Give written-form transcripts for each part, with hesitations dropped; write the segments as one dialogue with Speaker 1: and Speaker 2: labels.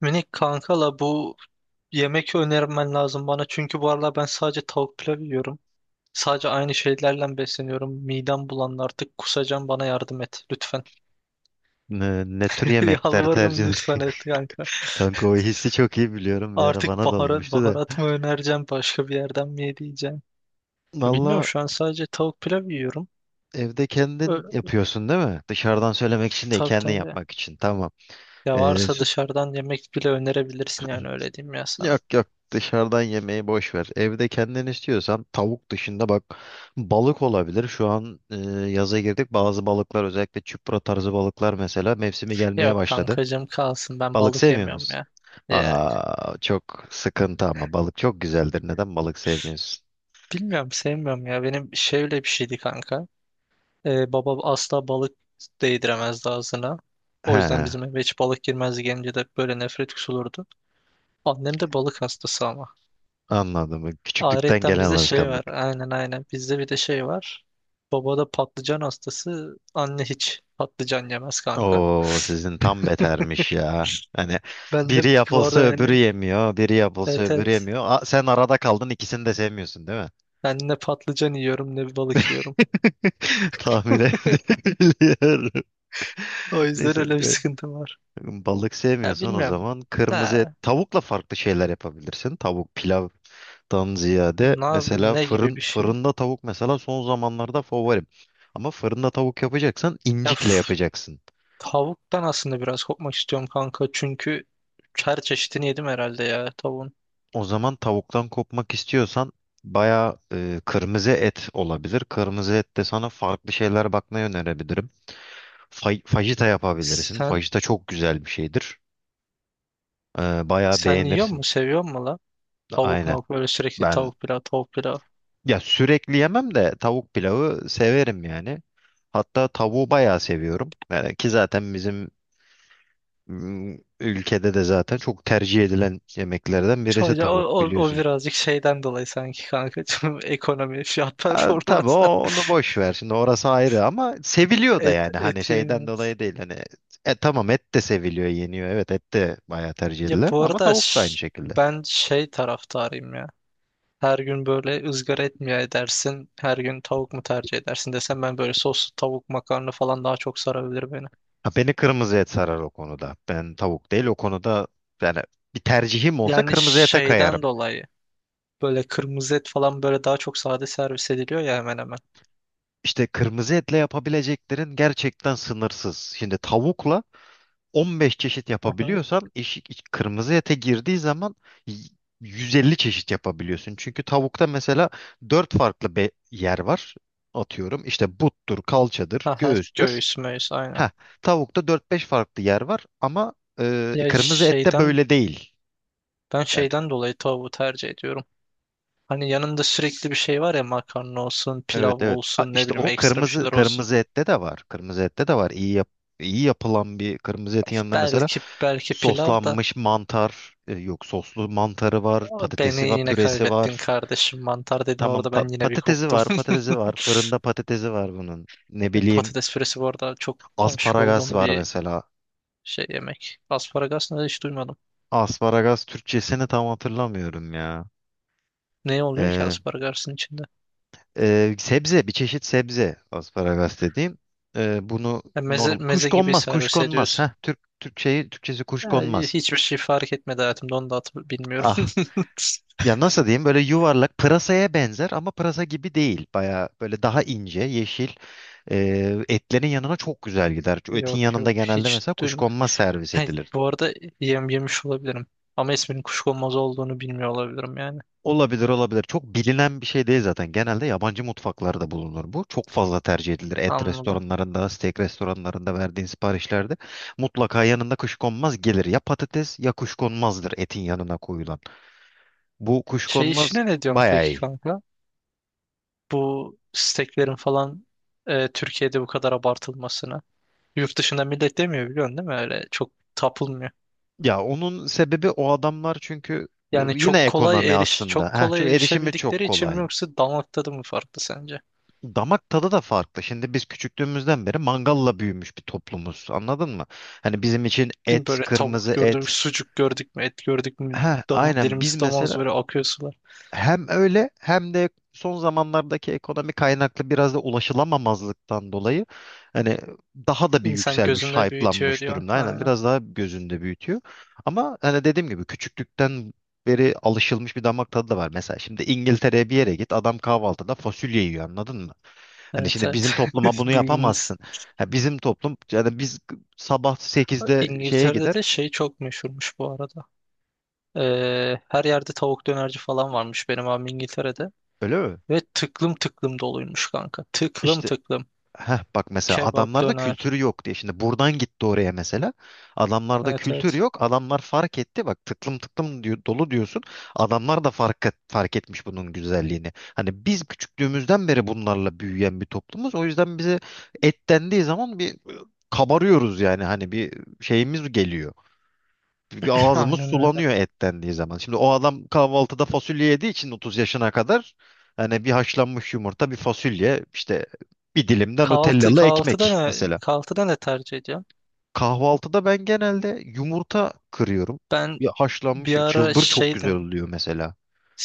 Speaker 1: Minik kankala bu yemek önermen lazım bana. Çünkü bu aralar ben sadece tavuk pilav yiyorum. Sadece aynı şeylerle besleniyorum. Midem bulandı artık kusacağım bana yardım et lütfen.
Speaker 2: Ne, ne tür yemekler tercih
Speaker 1: Yalvarırım
Speaker 2: eder?
Speaker 1: lütfen et kanka.
Speaker 2: Kanka o hissi çok iyi biliyorum. Bir ara
Speaker 1: Artık
Speaker 2: bana da
Speaker 1: baharat,
Speaker 2: olmuştu da.
Speaker 1: baharat mı önereceğim başka bir yerden mi yediğeceğim? Bilmiyorum
Speaker 2: Valla
Speaker 1: şu an sadece tavuk pilav yiyorum.
Speaker 2: evde
Speaker 1: Ö
Speaker 2: kendin yapıyorsun değil mi? Dışarıdan söylemek için değil,
Speaker 1: tabii
Speaker 2: kendin
Speaker 1: tabii.
Speaker 2: yapmak için. Tamam.
Speaker 1: Ya
Speaker 2: Ee,
Speaker 1: varsa
Speaker 2: süt...
Speaker 1: dışarıdan yemek bile önerebilirsin yani öyle diyeyim ya sana.
Speaker 2: Yok yok. Dışarıdan yemeği boş ver. Evde kendin istiyorsan tavuk dışında bak balık olabilir. Şu an yaza girdik. Bazı balıklar özellikle çupra tarzı balıklar mesela mevsimi gelmeye
Speaker 1: Yok
Speaker 2: başladı.
Speaker 1: kankacığım kalsın ben
Speaker 2: Balık
Speaker 1: balık
Speaker 2: sevmiyor
Speaker 1: yemiyorum
Speaker 2: musun?
Speaker 1: ya. Ya.
Speaker 2: Aa, çok sıkıntı ama balık çok güzeldir. Neden balık sevmiyorsun?
Speaker 1: Bilmiyorum sevmiyorum ya. Benim şöyle bir şeydi kanka. Baba asla balık değdiremezdi ağzına. O yüzden
Speaker 2: He.
Speaker 1: bizim eve hiç balık girmezdi gelince de böyle nefret kusulurdu. Annem de balık hastası ama.
Speaker 2: Anladım. Küçüklükten
Speaker 1: Ayrıca
Speaker 2: gelen
Speaker 1: bizde şey
Speaker 2: alışkanlık.
Speaker 1: var. Aynen aynen. Bizde bir de şey var. Baba da patlıcan hastası. Anne hiç patlıcan yemez kanka.
Speaker 2: Oo sizin tam betermiş ya. Hani
Speaker 1: Ben de
Speaker 2: biri
Speaker 1: bu
Speaker 2: yapılsa
Speaker 1: arada
Speaker 2: öbürü
Speaker 1: yani
Speaker 2: yemiyor, biri yapılsa
Speaker 1: evet
Speaker 2: öbürü
Speaker 1: evet.
Speaker 2: yemiyor. Aa, sen arada kaldın ikisini de sevmiyorsun değil mi?
Speaker 1: Ben ne patlıcan yiyorum ne balık yiyorum.
Speaker 2: Tahmin edebiliyorum.
Speaker 1: O yüzden
Speaker 2: Neyse,
Speaker 1: öyle bir sıkıntım var.
Speaker 2: balık
Speaker 1: Ya
Speaker 2: sevmiyorsan o
Speaker 1: bilmiyorum.
Speaker 2: zaman kırmızı et,
Speaker 1: Ha,
Speaker 2: tavukla farklı şeyler yapabilirsin. Tavuk pilavdan ziyade mesela
Speaker 1: ne gibi bir şey?
Speaker 2: fırında tavuk mesela son zamanlarda favorim. Ama fırında tavuk yapacaksan
Speaker 1: Ya
Speaker 2: incikle
Speaker 1: f-
Speaker 2: yapacaksın.
Speaker 1: Tavuktan aslında biraz kopmak istiyorum kanka. Çünkü her çeşidini yedim herhalde ya tavuğun.
Speaker 2: O zaman tavuktan kopmak istiyorsan bayağı kırmızı et olabilir. Kırmızı et de sana farklı şeyler bakmayı önerebilirim. Fajita yapabilirsin.
Speaker 1: Sen
Speaker 2: Fajita çok güzel bir şeydir. Bayağı
Speaker 1: sen yiyor mu
Speaker 2: beğenirsin.
Speaker 1: seviyor mu la? Tavuk
Speaker 2: Aynen.
Speaker 1: mavuk böyle sürekli
Speaker 2: Ben
Speaker 1: tavuk pilav tavuk pilav.
Speaker 2: ya sürekli yemem de tavuk pilavı severim yani. Hatta tavuğu bayağı seviyorum. Yani ki zaten bizim ülkede de zaten çok tercih edilen yemeklerden birisi
Speaker 1: Çoğunca o,
Speaker 2: tavuk
Speaker 1: o, o
Speaker 2: biliyorsun.
Speaker 1: birazcık şeyden dolayı sanki kanka. Ekonomi fiyat
Speaker 2: Ha, tabii
Speaker 1: performanstan
Speaker 2: onu boş ver. Şimdi orası ayrı ama seviliyor da
Speaker 1: et,
Speaker 2: yani hani
Speaker 1: et
Speaker 2: şeyden
Speaker 1: yemiyoruz.
Speaker 2: dolayı değil hani tamam et de seviliyor, yeniyor. Evet et de bayağı tercih
Speaker 1: Ya
Speaker 2: edilen
Speaker 1: bu
Speaker 2: ama
Speaker 1: arada
Speaker 2: tavuk da aynı
Speaker 1: ş-
Speaker 2: şekilde.
Speaker 1: Ben şey taraftarıyım ya. Her gün böyle ızgara et mi edersin? Her gün tavuk mu tercih edersin desem ben böyle soslu tavuk makarna falan daha çok sarabilir beni.
Speaker 2: Ha, beni kırmızı et sarar o konuda. Ben tavuk değil o konuda yani bir tercihim olsa
Speaker 1: Yani
Speaker 2: kırmızı ete
Speaker 1: şeyden
Speaker 2: kayarım.
Speaker 1: dolayı böyle kırmızı et falan böyle daha çok sade servis ediliyor ya hemen hemen.
Speaker 2: İşte kırmızı etle yapabileceklerin gerçekten sınırsız. Şimdi tavukla 15 çeşit
Speaker 1: Hı hı.
Speaker 2: yapabiliyorsan eşi, kırmızı ete girdiği zaman y- 150 çeşit yapabiliyorsun. Çünkü tavukta mesela 4 farklı yer var. Atıyorum işte buttur, kalçadır,
Speaker 1: Aha,
Speaker 2: göğüstür.
Speaker 1: göğüs möğüs aynen.
Speaker 2: Heh, tavukta dört beş farklı yer var ama
Speaker 1: Ya
Speaker 2: kırmızı ette
Speaker 1: şeyden
Speaker 2: böyle değil.
Speaker 1: Ben
Speaker 2: Yani
Speaker 1: şeyden dolayı tavuğu tercih ediyorum. Hani yanında sürekli bir şey var ya makarna olsun, pilav
Speaker 2: evet evet. Ha,
Speaker 1: olsun, ne
Speaker 2: işte
Speaker 1: bileyim
Speaker 2: o
Speaker 1: ekstra bir şeyler olsun.
Speaker 2: kırmızı ette de var. Kırmızı ette de var. İyi yapılan bir kırmızı etin yanında mesela
Speaker 1: Belki pilav da
Speaker 2: soslanmış mantar, yok soslu mantarı var,
Speaker 1: ama
Speaker 2: patatesi
Speaker 1: beni
Speaker 2: var,
Speaker 1: yine
Speaker 2: püresi
Speaker 1: kaybettin
Speaker 2: var.
Speaker 1: kardeşim. Mantar dedin
Speaker 2: Tamam
Speaker 1: orada ben yine bir
Speaker 2: patatesi
Speaker 1: koptum.
Speaker 2: var, patatesi var. Fırında patatesi var bunun. Ne bileyim
Speaker 1: Patates püresi bu arada çok aşık
Speaker 2: asparagas
Speaker 1: olduğum
Speaker 2: var
Speaker 1: bir
Speaker 2: mesela.
Speaker 1: şey yemek. Asparagas ne hiç duymadım.
Speaker 2: Asparagas Türkçesini tam hatırlamıyorum ya.
Speaker 1: Ne oluyor ki
Speaker 2: Ee,
Speaker 1: aspargasın içinde?
Speaker 2: sebze, bir çeşit sebze asparagas dediğim. Bunu
Speaker 1: Ya meze,
Speaker 2: normal
Speaker 1: meze gibi servis
Speaker 2: kuşkonmaz. Heh,
Speaker 1: ediyorsun.
Speaker 2: Türkçesi
Speaker 1: Ya
Speaker 2: kuşkonmaz.
Speaker 1: hiçbir şey fark etmedi hayatımda onu da bilmiyorum.
Speaker 2: Ah. Ya nasıl diyeyim böyle yuvarlak pırasaya benzer ama pırasa gibi değil. Baya böyle daha ince, yeşil. Etlerin yanına çok güzel gider. Çünkü etin
Speaker 1: Yok yok
Speaker 2: yanında genelde
Speaker 1: hiç
Speaker 2: mesela
Speaker 1: duyma.
Speaker 2: kuşkonmaz servis
Speaker 1: Hey,
Speaker 2: edilir.
Speaker 1: bu arada yem yemiş olabilirim. Ama isminin kuşkonmaz olduğunu bilmiyor olabilirim yani.
Speaker 2: Olabilir olabilir. Çok bilinen bir şey değil zaten. Genelde yabancı mutfaklarda bulunur bu. Çok fazla tercih edilir. Et
Speaker 1: Anladım.
Speaker 2: restoranlarında, steak restoranlarında verdiğin siparişlerde mutlaka yanında kuşkonmaz gelir. Ya patates ya kuşkonmazdır etin yanına koyulan. Bu
Speaker 1: Şey
Speaker 2: kuşkonmaz
Speaker 1: işine ne diyorsun
Speaker 2: bayağı
Speaker 1: peki
Speaker 2: iyi.
Speaker 1: kanka? Bu steklerin falan Türkiye'de bu kadar abartılmasına. Yurt dışında millet demiyor biliyorsun değil mi? Öyle çok tapılmıyor.
Speaker 2: Ya onun sebebi o adamlar çünkü
Speaker 1: Yani
Speaker 2: yine
Speaker 1: çok
Speaker 2: ekonomi
Speaker 1: kolay eriş
Speaker 2: aslında.
Speaker 1: çok
Speaker 2: Heh,
Speaker 1: kolay
Speaker 2: çünkü erişimi çok
Speaker 1: erişebildikleri için mi
Speaker 2: kolay.
Speaker 1: yoksa damak tadı mı farklı sence?
Speaker 2: Damak tadı da farklı. Şimdi biz küçüklüğümüzden beri mangalla büyümüş bir toplumuz. Anladın mı? Hani bizim için
Speaker 1: Değil mi?
Speaker 2: et,
Speaker 1: Böyle tavuk
Speaker 2: kırmızı
Speaker 1: gördük,
Speaker 2: et.
Speaker 1: sucuk gördük mü, et gördük mü,
Speaker 2: Ha, aynen biz
Speaker 1: dilimiz damağımız
Speaker 2: mesela
Speaker 1: böyle akıyor sular.
Speaker 2: hem öyle hem de son zamanlardaki ekonomi kaynaklı biraz da ulaşılamamazlıktan dolayı hani daha da bir
Speaker 1: İnsan
Speaker 2: yükselmiş,
Speaker 1: gözünde büyütüyor
Speaker 2: hype'lanmış
Speaker 1: diyor.
Speaker 2: durumda. Aynen
Speaker 1: Aynen.
Speaker 2: biraz daha gözünde büyütüyor. Ama hani dediğim gibi küçüklükten beri alışılmış bir damak tadı da var. Mesela şimdi İngiltere'ye bir yere git adam kahvaltıda fasulye yiyor anladın mı? Hani
Speaker 1: Evet
Speaker 2: şimdi bizim
Speaker 1: evet.
Speaker 2: topluma bunu
Speaker 1: Bildiğiniz.
Speaker 2: yapamazsın. Ha, bizim toplum yani biz sabah sekizde şeye
Speaker 1: İngiltere'de
Speaker 2: gider
Speaker 1: de şey çok meşhurmuş bu arada. Her yerde tavuk dönerci falan varmış benim abim İngiltere'de.
Speaker 2: öyle mi?
Speaker 1: Ve tıklım tıklım doluymuş kanka. Tıklım
Speaker 2: İşte.
Speaker 1: tıklım.
Speaker 2: Heh, bak mesela
Speaker 1: Kebap
Speaker 2: adamlarda
Speaker 1: döner.
Speaker 2: kültürü yok diye. Şimdi buradan gitti oraya mesela. Adamlarda
Speaker 1: Evet
Speaker 2: kültür
Speaker 1: evet.
Speaker 2: yok. Adamlar fark etti. Bak tıklım tıklım diyor, dolu diyorsun. Adamlar da fark etmiş bunun güzelliğini. Hani biz küçüklüğümüzden beri bunlarla büyüyen bir toplumuz. O yüzden bize et dendiği zaman bir kabarıyoruz yani. Hani bir şeyimiz geliyor. Bir ağzımız
Speaker 1: Aynen öyle.
Speaker 2: sulanıyor et dendiği zaman. Şimdi o adam kahvaltıda fasulye yediği için 30 yaşına kadar yani bir haşlanmış yumurta, bir fasulye, işte bir dilim de Nutellalı ekmek mesela.
Speaker 1: Kahvaltıda ne tercih ediyorum?
Speaker 2: Kahvaltıda ben genelde yumurta kırıyorum.
Speaker 1: Ben
Speaker 2: Bir haşlanmış
Speaker 1: bir ara
Speaker 2: çılbır çok güzel
Speaker 1: şeydim,
Speaker 2: oluyor mesela.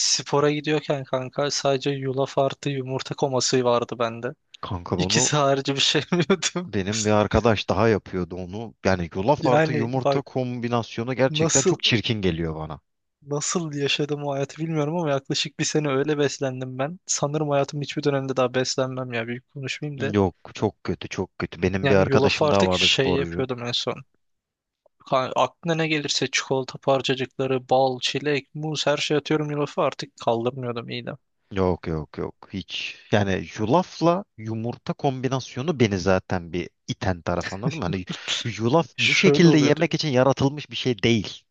Speaker 1: spora gidiyorken kanka sadece yulaf artı yumurta koması vardı bende.
Speaker 2: Kanka
Speaker 1: İkisi harici bir şey yemiyordum.
Speaker 2: benim bir arkadaş daha yapıyordu onu. Yani yulaf artı
Speaker 1: Yani
Speaker 2: yumurta
Speaker 1: bak
Speaker 2: kombinasyonu gerçekten
Speaker 1: nasıl
Speaker 2: çok çirkin geliyor bana.
Speaker 1: nasıl yaşadım o hayatı bilmiyorum ama yaklaşık bir sene öyle beslendim ben. Sanırım hayatım hiçbir dönemde daha beslenmem ya büyük konuşmayayım da.
Speaker 2: Yok çok kötü çok kötü. Benim bir
Speaker 1: Yani yulafı
Speaker 2: arkadaşım daha
Speaker 1: artık
Speaker 2: vardı
Speaker 1: şey
Speaker 2: sporcu.
Speaker 1: yapıyordum en son. Aklına ne gelirse çikolata parçacıkları, bal, çilek, muz her şey atıyorum yulafı artık kaldırmıyordum midem.
Speaker 2: Yok yok yok hiç. Yani yulafla yumurta kombinasyonu beni zaten bir iten taraf anladın mı? Hani yulaf bu
Speaker 1: Şöyle
Speaker 2: şekilde
Speaker 1: oluyordu.
Speaker 2: yemek için yaratılmış bir şey değil.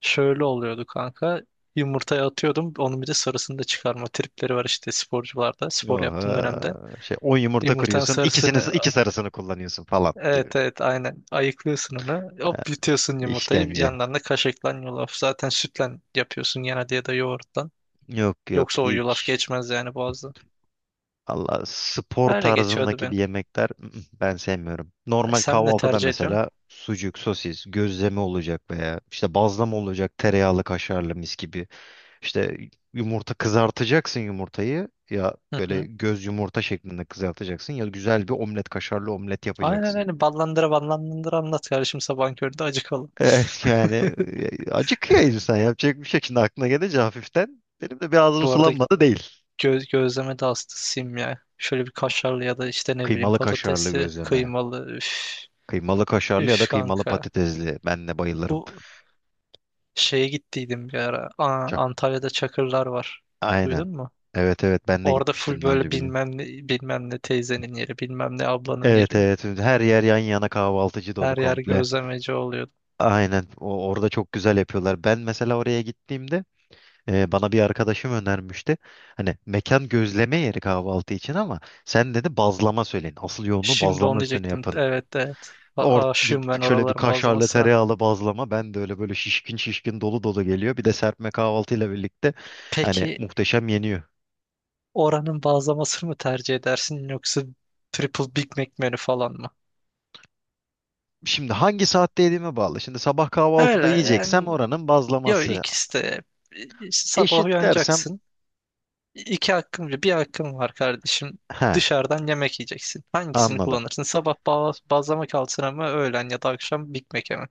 Speaker 1: Şöyle oluyordu kanka. Yumurtaya atıyordum. Onun bir de sarısını da çıkarma tripleri var işte sporcularda. Spor yaptığın dönemde.
Speaker 2: Oha. Şey 10 yumurta
Speaker 1: Yumurtanın
Speaker 2: kırıyorsun
Speaker 1: sarısını
Speaker 2: iki sarısını kullanıyorsun falan gibi.
Speaker 1: evet evet aynen ayıklıyorsun onu.
Speaker 2: Ha,
Speaker 1: Hop yutuyorsun yumurtayı.
Speaker 2: İşkence.
Speaker 1: Yanlarına kaşıklan yulaf. Zaten sütle yapıyorsun genelde ya da yoğurttan.
Speaker 2: Yok yok
Speaker 1: Yoksa o yulaf
Speaker 2: hiç.
Speaker 1: geçmez yani boğazdan.
Speaker 2: Allah spor
Speaker 1: Öyle geçiyordu
Speaker 2: tarzındaki
Speaker 1: benim.
Speaker 2: bir yemekler ben sevmiyorum.
Speaker 1: Ay,
Speaker 2: Normal
Speaker 1: sen ne
Speaker 2: kahvaltıda
Speaker 1: tercih ediyorsun?
Speaker 2: mesela sucuk, sosis, gözleme olacak veya işte bazlama olacak tereyağlı kaşarlı mis gibi. İşte yumurta kızartacaksın yumurtayı ya böyle göz yumurta şeklinde kızartacaksın ya güzel bir omlet kaşarlı omlet
Speaker 1: Aynen
Speaker 2: yapacaksın.
Speaker 1: öyle. Ballandıra ballandıra anlat kardeşim sabahın köründe acıkalım.
Speaker 2: Evet yani acıkıyor insan yapacak bir şey. Şimdi aklına gelince hafiften benim de bir ağzım
Speaker 1: Bu arada
Speaker 2: sulanmadı değil.
Speaker 1: gözleme de aslında sim ya. Şöyle bir
Speaker 2: Of,
Speaker 1: kaşarlı ya da işte ne bileyim
Speaker 2: kıymalı kaşarlı
Speaker 1: patatesli,
Speaker 2: gözleme.
Speaker 1: kıymalı. Üf,
Speaker 2: Kıymalı kaşarlı ya da
Speaker 1: üf
Speaker 2: kıymalı
Speaker 1: kanka.
Speaker 2: patatesli. Ben de bayılırım.
Speaker 1: Bu şeye gittiydim bir ara. Aa,
Speaker 2: Çok-
Speaker 1: Antalya'da Çakırlar var.
Speaker 2: Aynen.
Speaker 1: Duydun mu?
Speaker 2: Evet evet ben de
Speaker 1: Orada full
Speaker 2: gitmiştim daha
Speaker 1: böyle
Speaker 2: önce biliyorum.
Speaker 1: bilmem ne, bilmem ne teyzenin yeri, bilmem ne ablanın
Speaker 2: Evet
Speaker 1: yeri.
Speaker 2: evet her yer yan yana kahvaltıcı dolu
Speaker 1: Her yer
Speaker 2: komple.
Speaker 1: gözlemeci oluyordu.
Speaker 2: Aynen orada çok güzel yapıyorlar. Ben mesela oraya gittiğimde bana bir arkadaşım önermişti. Hani mekan gözleme yeri kahvaltı için ama sen dedi bazlama söyleyin. Asıl yoğunluğu
Speaker 1: Şimdi
Speaker 2: bazlama
Speaker 1: onu
Speaker 2: üstüne
Speaker 1: diyecektim.
Speaker 2: yapın.
Speaker 1: Evet evet. A aşığım ben
Speaker 2: Şöyle bir
Speaker 1: oraların
Speaker 2: kaşarlı
Speaker 1: bazlamasına.
Speaker 2: tereyağlı bazlama. Ben de öyle böyle şişkin şişkin dolu dolu geliyor. Bir de serpme kahvaltıyla birlikte hani
Speaker 1: Peki
Speaker 2: muhteşem yeniyor.
Speaker 1: oranın bazlamasını mı tercih edersin yoksa triple Big Mac menü falan mı?
Speaker 2: Şimdi hangi saatte yediğime bağlı. Şimdi sabah
Speaker 1: Öyle
Speaker 2: kahvaltıda yiyeceksem
Speaker 1: yani
Speaker 2: oranın
Speaker 1: yok
Speaker 2: bazlaması
Speaker 1: ikisi de. İşte sabah
Speaker 2: eşit dersem
Speaker 1: uyanacaksın. İki hakkın var. Bir hakkın var kardeşim.
Speaker 2: he
Speaker 1: Dışarıdan yemek yiyeceksin. Hangisini
Speaker 2: anladım.
Speaker 1: kullanırsın? Sabah bazlama kalsın mı öğlen ya da akşam Big Mac'e mi?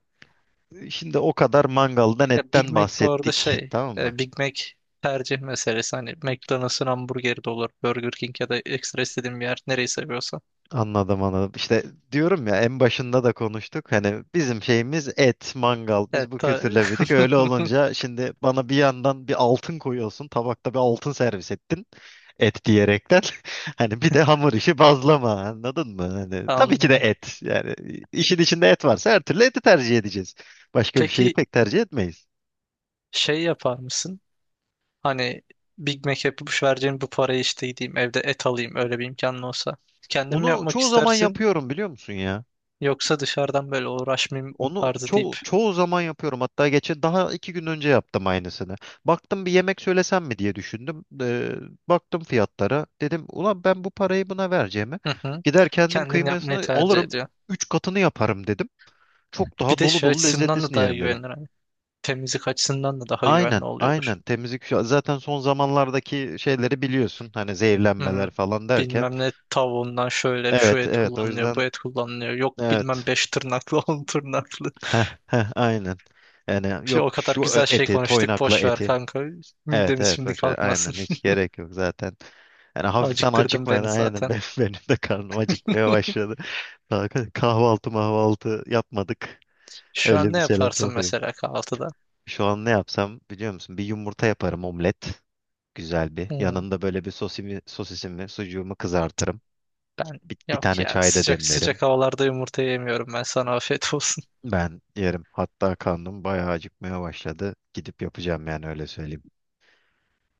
Speaker 2: Şimdi o kadar mangaldan
Speaker 1: Ya Big
Speaker 2: etten
Speaker 1: Mac bu arada
Speaker 2: bahsettik
Speaker 1: şey
Speaker 2: tamam mı?
Speaker 1: e, Big Mac tercih meselesi. Hani McDonald's'ın hamburgeri de olur. Burger King ya da ekstra istediğin bir yer. Nereyi seviyorsan.
Speaker 2: Anladım anladım. İşte diyorum ya en başında da konuştuk. Hani bizim şeyimiz et, mangal. Biz
Speaker 1: Evet
Speaker 2: bu
Speaker 1: ta-
Speaker 2: kültürle büyüdük. Öyle olunca şimdi bana bir yandan bir altın koyuyorsun. Tabakta bir altın servis ettin. Et diyerekten. Hani bir de hamur işi bazlama. Anladın mı? Hani tabii ki de
Speaker 1: anladım.
Speaker 2: et. Yani işin içinde et varsa her türlü eti tercih edeceğiz. Başka bir şeyi
Speaker 1: Peki
Speaker 2: pek tercih etmeyiz.
Speaker 1: şey yapar mısın? Hani Big Mac yapıp şu vereceğim bu parayı işte gideyim evde et alayım öyle bir imkanın olsa. Kendim
Speaker 2: Onu
Speaker 1: yapmak
Speaker 2: çoğu zaman
Speaker 1: istersin
Speaker 2: yapıyorum biliyor musun ya?
Speaker 1: yoksa dışarıdan böyle uğraşmayayım
Speaker 2: Onu
Speaker 1: tarzı deyip
Speaker 2: çoğu zaman yapıyorum. Hatta geçen daha iki gün önce yaptım aynısını. Baktım bir yemek söylesem mi diye düşündüm. Baktım fiyatlara. Dedim ulan ben bu parayı buna vereceğime
Speaker 1: hı hı,
Speaker 2: gider kendim
Speaker 1: kendin yapmayı
Speaker 2: kıymasını
Speaker 1: tercih
Speaker 2: alırım.
Speaker 1: ediyor.
Speaker 2: Üç katını yaparım dedim. Çok
Speaker 1: Bir
Speaker 2: daha
Speaker 1: de
Speaker 2: dolu
Speaker 1: şey
Speaker 2: dolu
Speaker 1: açısından da
Speaker 2: lezzetlisini
Speaker 1: daha
Speaker 2: yerim dedim.
Speaker 1: güvenilir. Hani. Temizlik açısından da daha güvenli
Speaker 2: Aynen,
Speaker 1: oluyordur.
Speaker 2: aynen. Temizlik zaten son zamanlardaki şeyleri biliyorsun. Hani
Speaker 1: Hmm,
Speaker 2: zehirlenmeler falan derken.
Speaker 1: bilmem ne tavuğundan şöyle şu
Speaker 2: Evet,
Speaker 1: et
Speaker 2: evet. O
Speaker 1: kullanılıyor bu
Speaker 2: yüzden
Speaker 1: et kullanılıyor. Yok bilmem
Speaker 2: evet.
Speaker 1: 5 tırnaklı 10 tırnaklı.
Speaker 2: Heh, heh, aynen. Yani
Speaker 1: Şey,
Speaker 2: yok
Speaker 1: o kadar
Speaker 2: şu
Speaker 1: güzel şey
Speaker 2: eti,
Speaker 1: konuştuk
Speaker 2: toynakla
Speaker 1: boş ver
Speaker 2: eti.
Speaker 1: kanka.
Speaker 2: Evet
Speaker 1: Midemiz
Speaker 2: evet
Speaker 1: şimdi
Speaker 2: boş ver.
Speaker 1: kalkmasın.
Speaker 2: Aynen hiç gerek yok zaten. Yani hafiften
Speaker 1: Acıktırdın
Speaker 2: acıkmayan
Speaker 1: beni
Speaker 2: aynen
Speaker 1: zaten.
Speaker 2: ben, benim de karnım acıkmaya başladı. Daha kahvaltı mahvaltı yapmadık.
Speaker 1: Şu an
Speaker 2: Öyle
Speaker 1: ne
Speaker 2: bir selam
Speaker 1: yaparsın
Speaker 2: sohbeti.
Speaker 1: mesela kahvaltıda?
Speaker 2: Şu an ne yapsam biliyor musun? Bir yumurta yaparım omlet. Güzel bir.
Speaker 1: Hmm,
Speaker 2: Yanında böyle bir sosisimi, sucuğumu kızartırım.
Speaker 1: ben
Speaker 2: Bir
Speaker 1: yok
Speaker 2: tane
Speaker 1: ya
Speaker 2: çay da
Speaker 1: sıcak
Speaker 2: demlerim.
Speaker 1: sıcak havalarda yumurta yemiyorum ben sana afiyet olsun.
Speaker 2: Ben yerim. Hatta karnım bayağı acıkmaya başladı. Gidip yapacağım yani öyle söyleyeyim.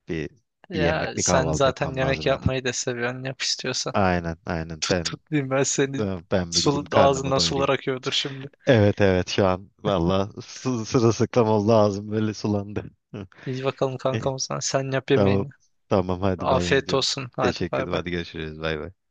Speaker 2: Bir bir
Speaker 1: Ya
Speaker 2: yemek, bir
Speaker 1: sen
Speaker 2: kahvaltı
Speaker 1: zaten
Speaker 2: yapmam
Speaker 1: yemek
Speaker 2: lazım evet.
Speaker 1: yapmayı da seviyorsun yap istiyorsan.
Speaker 2: Aynen, aynen.
Speaker 1: Tut tut diyeyim ben seni
Speaker 2: Ben bir gideyim karnımı
Speaker 1: ağzından
Speaker 2: doyurayım.
Speaker 1: sular akıyordur şimdi.
Speaker 2: Evet evet şu an valla sırılsıklam oldu ağzım böyle sulandı.
Speaker 1: İyi bakalım
Speaker 2: İyi,
Speaker 1: kankam o zaman sen yap
Speaker 2: tamam
Speaker 1: yemeğini.
Speaker 2: tamam hadi ben
Speaker 1: Afiyet
Speaker 2: gidiyorum.
Speaker 1: olsun hadi
Speaker 2: Teşekkür
Speaker 1: bay
Speaker 2: ederim
Speaker 1: bay.
Speaker 2: hadi görüşürüz bay bay.